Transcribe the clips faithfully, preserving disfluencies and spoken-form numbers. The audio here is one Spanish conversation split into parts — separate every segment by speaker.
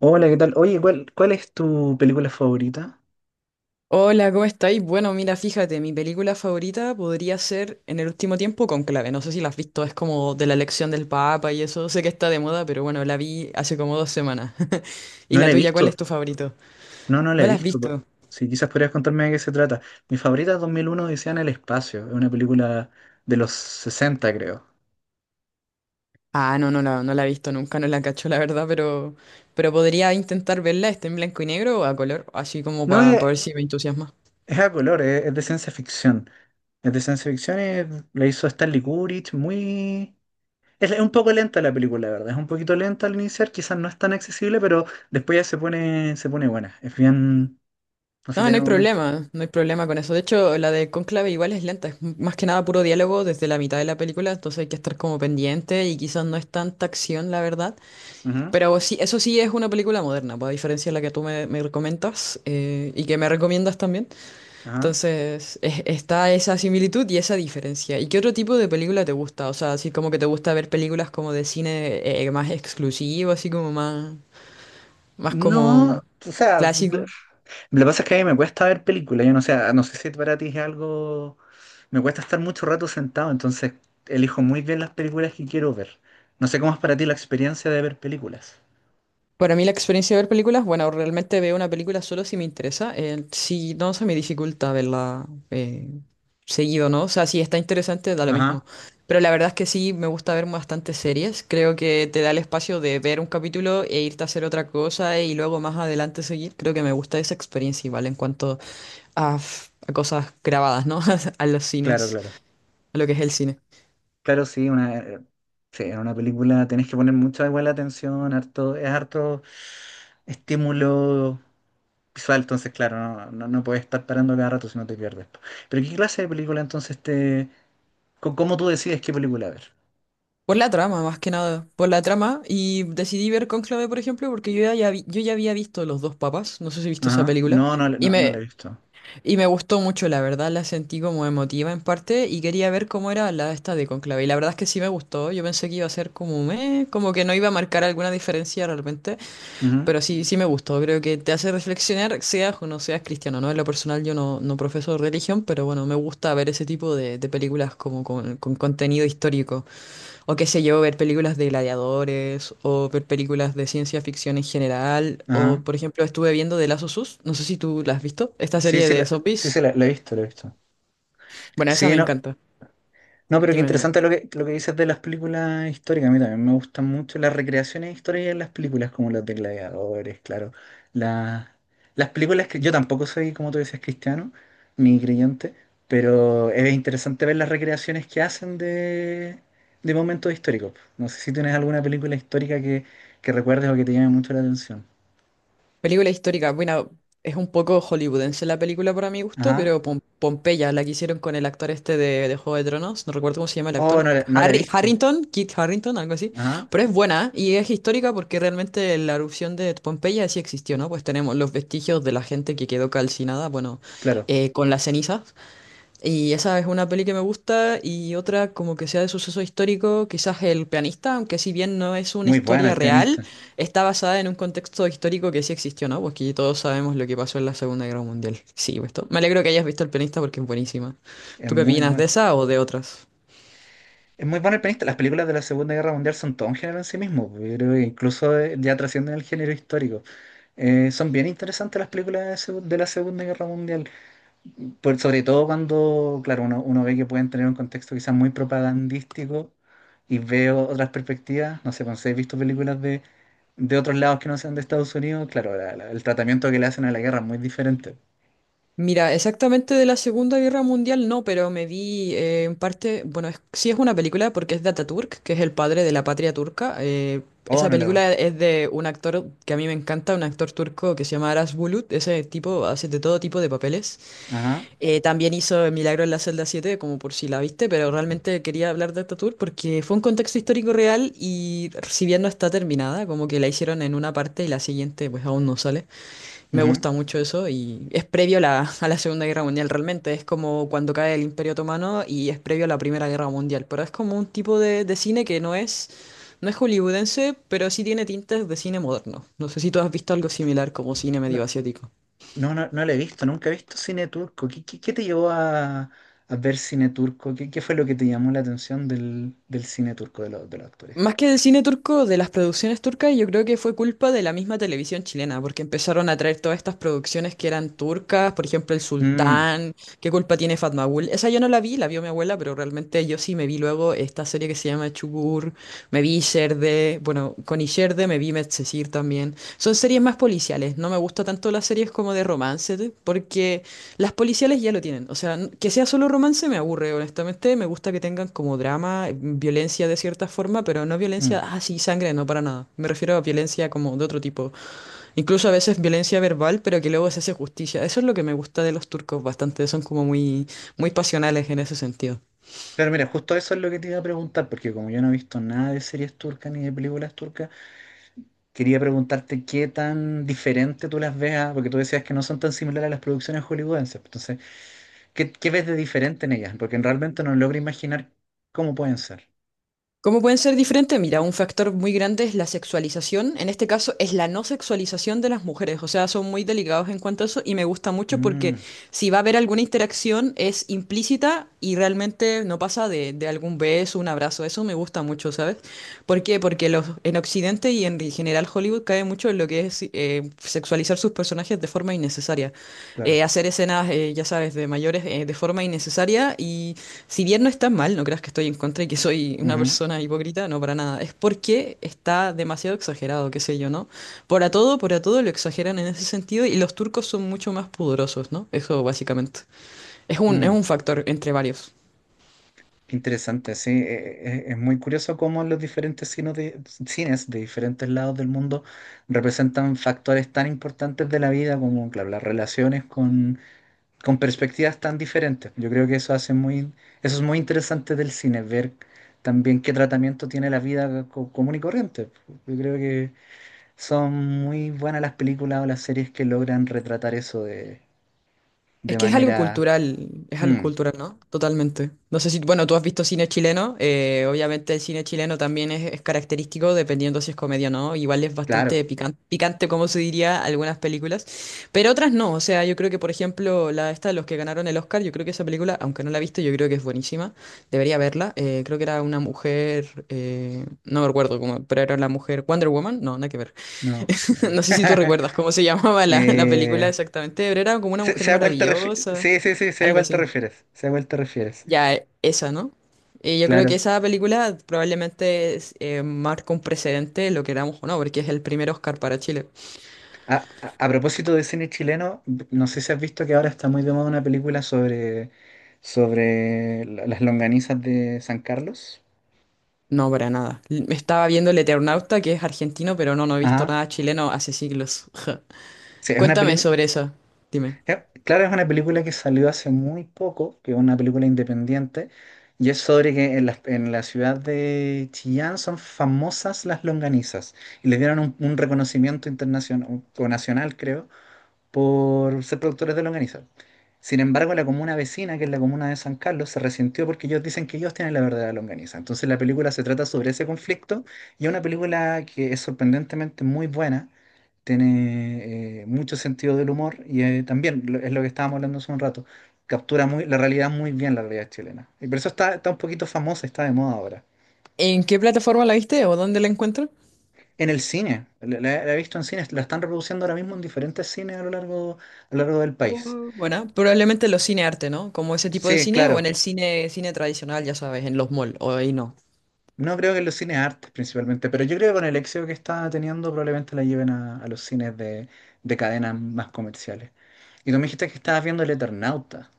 Speaker 1: Hola, ¿qué tal? Oye, ¿cuál, cuál es tu película favorita?
Speaker 2: Hola, ¿cómo estáis? Bueno, mira, fíjate, mi película favorita podría ser En el último tiempo Conclave. No sé si la has visto, es como de la elección del Papa y eso. Sé que está de moda, pero bueno, la vi hace como dos semanas. ¿Y
Speaker 1: No
Speaker 2: la
Speaker 1: la he
Speaker 2: tuya, cuál
Speaker 1: visto.
Speaker 2: es tu favorito?
Speaker 1: No, no la
Speaker 2: ¿No
Speaker 1: he
Speaker 2: la has
Speaker 1: visto. po-
Speaker 2: visto?
Speaker 1: Sí, quizás podrías contarme de qué se trata. Mi favorita es dos mil uno Odisea en el espacio. Es una película de los sesenta, creo.
Speaker 2: Ah, no, no la, no la he visto nunca, no la cacho, la verdad, pero, pero podría intentar verla, ¿está en blanco y negro o a color, así como
Speaker 1: No
Speaker 2: para
Speaker 1: es,
Speaker 2: ver si me entusiasma?
Speaker 1: es a color, es, es de ciencia ficción. Es de ciencia ficción, es- la hizo Stanley Kubrick, muy... Es, es un poco lenta la película, la verdad. Es un poquito lenta al iniciar, quizás no es tan accesible, pero después ya se pone, se pone buena. Es bien... No sé,
Speaker 2: No, no
Speaker 1: tiene
Speaker 2: hay
Speaker 1: momentos.
Speaker 2: problema, no hay problema con eso. De hecho, la de Cónclave igual es lenta, es m- más que nada puro diálogo desde la mitad de la película, entonces hay que estar como pendiente y quizás no es tanta acción, la verdad.
Speaker 1: Ujú.
Speaker 2: Pero sí, eso sí es una película moderna, pues, a diferencia de la que tú me, me comentas, eh, y que me recomiendas también.
Speaker 1: Ajá.
Speaker 2: Entonces, es- está esa similitud y esa diferencia. ¿Y qué otro tipo de película te gusta? O sea, así como que te gusta ver películas como de cine, eh, más exclusivo, así como más, más
Speaker 1: No,
Speaker 2: como
Speaker 1: o sea,
Speaker 2: clásico.
Speaker 1: lo que pasa es que a mí me cuesta ver películas. Yo no sé, no sé si para ti es algo. Me cuesta estar mucho rato sentado, entonces elijo muy bien las películas que quiero ver. No sé cómo es para ti la experiencia de ver películas.
Speaker 2: Para mí la experiencia de ver películas, bueno, realmente veo una película solo si me interesa. eh, si no, se me dificulta verla, eh, seguido, ¿no? O sea, si está interesante, da lo
Speaker 1: Ajá,
Speaker 2: mismo. Pero la verdad es que sí, me gusta ver bastantes series. Creo que te da el espacio de ver un capítulo e irte a hacer otra cosa y luego más adelante seguir. Creo que me gusta esa experiencia igual en cuanto a, f- a cosas grabadas, ¿no? A los
Speaker 1: claro,
Speaker 2: cines,
Speaker 1: claro.
Speaker 2: a lo que es el cine.
Speaker 1: Claro, sí, una, eh, sí, en una película tenés que poner mucha igual atención, harto, es harto estímulo visual, entonces claro, no, no, no puedes estar parando cada rato si no te pierdes. Pero ¿qué clase de película entonces te... co- cómo tú decides qué película ver?
Speaker 2: Por la trama, más que nada, por la trama. Y decidí ver Cónclave, por ejemplo, porque yo ya, ya vi- yo ya había visto Los dos papas, no sé si viste esa
Speaker 1: Ajá.
Speaker 2: película,
Speaker 1: No, no, la-
Speaker 2: y
Speaker 1: no, no la
Speaker 2: me,
Speaker 1: he visto.
Speaker 2: y me gustó mucho, la verdad, la sentí como emotiva en parte, y quería ver cómo era la esta de Cónclave. Y la verdad es que sí me gustó, yo pensé que iba a ser como, meh, como que no iba a marcar alguna diferencia realmente,
Speaker 1: Ujú.
Speaker 2: pero sí, sí me gustó, creo que te hace reflexionar, seas o no seas cristiano, ¿no? En lo personal yo no, no profeso religión, pero bueno, me gusta ver ese tipo de, de películas como con con contenido histórico. O qué sé yo, ver películas de gladiadores, o ver películas de ciencia ficción en general,
Speaker 1: Ah,
Speaker 2: o por ejemplo estuve viendo The Last of Us, no sé si tú la has visto, esta
Speaker 1: sí,
Speaker 2: serie
Speaker 1: sí,
Speaker 2: de
Speaker 1: la, sí, sí,
Speaker 2: zombies.
Speaker 1: la, la he visto, la he visto.
Speaker 2: Bueno, esa
Speaker 1: Sí,
Speaker 2: me
Speaker 1: no,
Speaker 2: encanta.
Speaker 1: no, pero qué
Speaker 2: Dime, dime.
Speaker 1: interesante lo que, lo que dices de las películas históricas. A mí también me gustan mucho las recreaciones históricas en las películas, como las de Gladiadores, claro. Las, las películas que yo tampoco soy, como tú dices, cristiano, ni creyente, pero es interesante ver las recreaciones que hacen de, de momentos históricos. No sé si tienes alguna película histórica que, que recuerdes o que te llame mucho la atención.
Speaker 2: Película histórica, bueno, es un poco hollywoodense la película para mi gusto,
Speaker 1: Ajá.
Speaker 2: pero Pom- Pompeya, la que hicieron con el actor este de, de Juego de Tronos, no recuerdo cómo se llama el
Speaker 1: Oh,
Speaker 2: actor,
Speaker 1: no, la- no la he
Speaker 2: Harry,
Speaker 1: visto.
Speaker 2: Harrington, Kit Harrington, algo así,
Speaker 1: Ajá.
Speaker 2: pero es buena y es histórica porque realmente la erupción de Pompeya sí existió, ¿no? Pues tenemos los vestigios de la gente que quedó calcinada, bueno,
Speaker 1: Claro.
Speaker 2: eh, con las cenizas. Y esa es una peli que me gusta y otra como que sea de suceso histórico, quizás El pianista, aunque si bien no es una
Speaker 1: Muy buena
Speaker 2: historia
Speaker 1: el
Speaker 2: real,
Speaker 1: pianista.
Speaker 2: está basada en un contexto histórico que sí existió, ¿no? Porque todos sabemos lo que pasó en la Segunda Guerra Mundial. Sí, pues, to- me alegro que hayas visto El pianista porque es buenísima.
Speaker 1: Es
Speaker 2: ¿Tú qué
Speaker 1: muy
Speaker 2: opinas de
Speaker 1: bueno.
Speaker 2: esa o de otras?
Speaker 1: Es muy bueno el pianista. Las películas de la Segunda Guerra Mundial son todo un género en sí mismo. Pues, yo creo que incluso eh, ya trascienden el género histórico. Eh, son bien interesantes las películas de, segu- de la Segunda Guerra Mundial. Por, sobre todo cuando, claro, uno, uno ve que pueden tener un contexto quizás muy propagandístico y veo otras perspectivas. No sé, cuando he visto películas de, de otros lados que no sean de Estados Unidos, claro, la- la- el tratamiento que le hacen a la guerra es muy diferente.
Speaker 2: Mira, exactamente de la Segunda Guerra Mundial no, pero me vi, eh, en parte, bueno, es- sí es una película porque es de Ataturk, que es el padre de la patria turca. eh,
Speaker 1: Oh,
Speaker 2: esa
Speaker 1: no le va.
Speaker 2: película es de un actor que a mí me encanta, un actor turco que se llama Aras Bulut. Ese tipo hace de todo tipo de papeles.
Speaker 1: Ajá.
Speaker 2: Eh, también hizo El Milagro en la celda siete, como por si la viste, pero realmente quería hablar de Ataturk porque fue un contexto histórico real y si bien no está terminada, como que la hicieron en una parte y la siguiente pues aún no sale. Me
Speaker 1: Ujú.
Speaker 2: gusta mucho eso y es previo a la, a la Segunda Guerra Mundial realmente. Es como cuando cae el Imperio Otomano y es previo a la Primera Guerra Mundial. Pero es como un tipo de, de cine que no es, no es hollywoodense, pero sí tiene tintes de cine moderno. No sé si tú has visto algo similar como cine medio asiático.
Speaker 1: No, no, no lo he visto, nunca he visto cine turco. ¿Qué, qué- qué te llevó a, a ver cine turco? ¿Qué, qué fue lo que te llamó la atención del, del cine turco, de, los de los actores
Speaker 2: Más
Speaker 1: turcos?
Speaker 2: que del cine turco, de las producciones turcas, yo creo que fue culpa de la misma televisión chilena, porque empezaron a traer todas estas producciones que eran turcas, por ejemplo, El
Speaker 1: Mm,
Speaker 2: Sultán, ¿qué culpa tiene Fatmagul? Esa yo no la vi, la vio mi abuela, pero realmente yo sí me vi luego esta serie que se llama Çukur, me vi Sherde, bueno, con Isherde me vi Medcezir también. Son series más policiales, no me gusta tanto las series como de romance, porque las policiales ya lo tienen. O sea, n- que sea solo romance me aburre, honestamente. Me gusta que tengan como drama, eh, violencia de cierta forma, pero no violencia,
Speaker 1: mm.
Speaker 2: ah, sí, sangre, no, para nada. Me refiero a violencia como de otro tipo. Incluso a veces violencia verbal, pero que luego se hace justicia. Eso es lo que me gusta de los turcos bastante. Son como muy, muy pasionales en ese sentido.
Speaker 1: Claro, mira, justo eso es lo que te iba a preguntar, porque como yo no he visto nada de series turcas ni de películas turcas, quería preguntarte qué tan diferente tú las veas, porque tú decías que no son tan similares a las producciones hollywoodenses. Entonces, ¿qué, qué ves de diferente en ellas? Porque realmente no logro imaginar cómo pueden ser.
Speaker 2: ¿Cómo pueden ser diferentes? Mira, un factor muy grande es la sexualización. En este caso es la no sexualización de las mujeres. O sea, son muy delicados en cuanto a eso y me gusta mucho porque
Speaker 1: Mm,
Speaker 2: si va a haber alguna interacción es implícita y realmente no pasa de, de algún beso, un abrazo. Eso me gusta mucho, ¿sabes? ¿Por qué? Porque los, en Occidente y en general Hollywood cae mucho en lo que es sexi- eh, sexualizar sus personajes de forma innecesaria.
Speaker 1: claro.
Speaker 2: Eh, hacer escenas, eh, ya sabes, de mayores, eh, de forma innecesaria y si bien no está mal, no creas que estoy en contra y que soy una
Speaker 1: Ujú,
Speaker 2: persona hipócrita, no, para nada. Es porque está demasiado exagerado, qué sé yo, ¿no? Por a todo, por a todo lo exageran en ese sentido y los turcos son mucho más pudorosos, ¿no? Eso básicamente. Es un, es
Speaker 1: mm.
Speaker 2: un factor entre varios.
Speaker 1: Qué interesante, sí. eh, eh, Es muy curioso cómo los diferentes cines de, cines de diferentes lados del mundo representan factores tan importantes de la vida como, claro, las relaciones con, con perspectivas tan diferentes. Yo creo que eso hace muy, eso es muy interesante del cine, ver también qué tratamiento tiene la vida co- común y corriente. Yo creo que son muy buenas las películas o las series que logran retratar eso de,
Speaker 2: Es
Speaker 1: de
Speaker 2: que es algo
Speaker 1: manera...
Speaker 2: cultural, es algo
Speaker 1: Mm,
Speaker 2: cultural, ¿no? Totalmente. No sé si, bueno, tú has visto cine chileno, eh, obviamente el cine chileno también es, es característico dependiendo si es comedia o no, igual es
Speaker 1: claro,
Speaker 2: bastante pican- picante, como se diría, algunas películas, pero otras no, o sea, yo creo que, por ejemplo, la esta, de los que ganaron el Oscar, yo creo que esa película, aunque no la he visto, yo creo que es buenísima, debería verla, eh, creo que era una mujer, eh, no me recuerdo cómo, pero era la mujer Wonder Woman, no, nada que ver.
Speaker 1: no.
Speaker 2: No sé si tú
Speaker 1: eh,
Speaker 2: recuerdas cómo se llamaba la, la
Speaker 1: Eh,
Speaker 2: película exactamente, pero era como una
Speaker 1: Sé,
Speaker 2: mujer
Speaker 1: sé a cuál te refieres.
Speaker 2: maravillosa,
Speaker 1: Sí, sí, sí, sé a
Speaker 2: algo
Speaker 1: cuál te
Speaker 2: así.
Speaker 1: refieres. Sé a cuál te refieres.
Speaker 2: Ya, e- esa, ¿no? Y yo creo que
Speaker 1: Claro.
Speaker 2: esa película probablemente es, eh, marca un precedente, lo queramos o no, porque es el primer Oscar para Chile.
Speaker 1: A, a- a propósito de cine chileno, no sé si has visto que ahora está muy de moda una película sobre, sobre la- las longanizas de San Carlos.
Speaker 2: No, para nada. L- Me estaba viendo El Eternauta, que es argentino, pero no, no he visto
Speaker 1: Ajá.
Speaker 2: nada chileno hace siglos.
Speaker 1: Sí, es una
Speaker 2: Cuéntame
Speaker 1: película.
Speaker 2: sobre esa, dime.
Speaker 1: Claro, es una película que salió hace muy poco, que es una película independiente, y es sobre que en la, en la ciudad de Chillán son famosas las longanizas, y les dieron un, un reconocimiento internacional o nacional, creo, por ser productores de longaniza. Sin embargo, la comuna vecina, que es la comuna de San Carlos, se resintió porque ellos dicen que ellos tienen la verdadera longaniza. Entonces la película se trata sobre ese conflicto y es una película que es sorprendentemente muy buena, tiene eh, mucho sentido del humor y eh, también lo- es lo que estábamos hablando hace un rato, captura muy, la realidad muy bien, la realidad chilena. Y por eso está, está un poquito famosa, está de moda ahora.
Speaker 2: ¿En qué plataforma la viste o dónde la encuentro?
Speaker 1: En el cine, la, la- la he visto en cines, la están reproduciendo ahora mismo en diferentes cines a lo largo, a lo largo del país.
Speaker 2: Uh, Buena, probablemente los cine arte, ¿no? Como ese tipo de
Speaker 1: Sí,
Speaker 2: cine, o en
Speaker 1: claro.
Speaker 2: el cine, cine tradicional, ya sabes, en los malls, o ahí no.
Speaker 1: No creo que en los cines artes principalmente, pero yo creo que con el éxito que está teniendo probablemente la lleven a, a los cines de, de cadenas más comerciales. Y tú me dijiste que estabas viendo El Eternauta.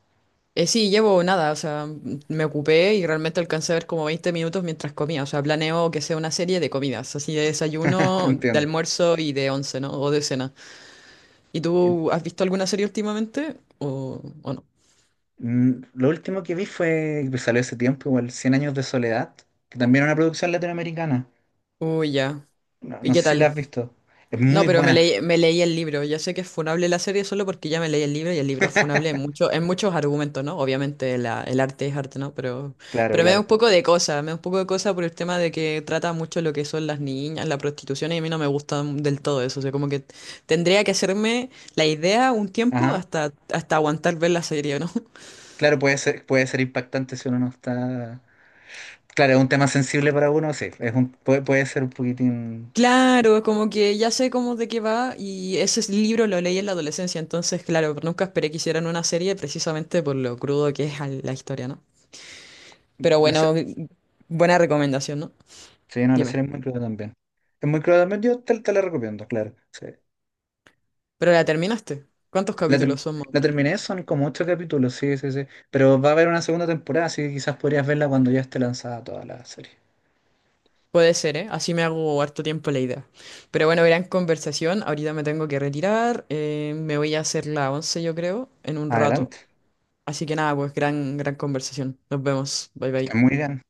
Speaker 2: Eh, sí, llevo nada, o sea, m- me ocupé y realmente alcancé a ver como veinte minutos mientras comía, o sea, planeo que sea una serie de comidas, así de desayuno, de
Speaker 1: Entiendo.
Speaker 2: almuerzo y de once, ¿no? O de cena. ¿Y
Speaker 1: Eh,
Speaker 2: tú has visto alguna serie últimamente? ¿O, o no?
Speaker 1: mm, Lo último que vi fue, que salió hace tiempo, igual, cien años de soledad, que también es una producción latinoamericana.
Speaker 2: Uy, ya.
Speaker 1: No,
Speaker 2: ¿Y
Speaker 1: no sé
Speaker 2: qué
Speaker 1: si la
Speaker 2: tal?
Speaker 1: has visto. Es
Speaker 2: No,
Speaker 1: muy
Speaker 2: pero me
Speaker 1: buena.
Speaker 2: leí, me leí el libro. Ya sé que es funable la serie solo porque ya me leí el libro y el libro es funable en, mucho, en muchos argumentos, ¿no? Obviamente la- el arte es arte, ¿no? Pero,
Speaker 1: Claro,
Speaker 2: pero me da un
Speaker 1: claro.
Speaker 2: poco de cosa, me da un poco de cosa por el tema de que trata mucho lo que son las niñas, la prostitución y a mí no me gusta del todo eso. O sea, como que tendría que hacerme la idea un tiempo
Speaker 1: Ajá.
Speaker 2: hasta, hasta aguantar ver la serie, ¿no?
Speaker 1: Claro, puede ser, puede ser impactante si uno no está. Claro, es un tema sensible para uno, sí. Es un, puede, puede ser un poquitín.
Speaker 2: Claro, como que ya sé cómo de qué va y ese es- libro lo leí en la adolescencia, entonces claro, nunca esperé que hicieran una serie precisamente por lo crudo que es al- la historia, ¿no? Pero
Speaker 1: La,
Speaker 2: bueno, buena recomendación, ¿no?
Speaker 1: Sí, no, la
Speaker 2: Dime.
Speaker 1: serie es muy cruda también. Es muy cruda también, yo te, te la recomiendo, claro. Sí.
Speaker 2: ¿Pero la terminaste? ¿Cuántos
Speaker 1: La, ter-
Speaker 2: capítulos son más o
Speaker 1: la
Speaker 2: menos?
Speaker 1: terminé, son como ocho capítulos, sí, sí, sí. Pero va a haber una segunda temporada, así que quizás podrías verla cuando ya esté lanzada toda la serie.
Speaker 2: Puede ser, ¿eh? Así me hago harto tiempo la idea. Pero bueno, gran conversación. Ahorita me tengo que retirar. eh, me voy a hacer la once, yo creo, en un rato.
Speaker 1: Adelante.
Speaker 2: Así que nada, pues gran, gran conversación. Nos vemos. Bye
Speaker 1: Está
Speaker 2: bye.
Speaker 1: muy bien.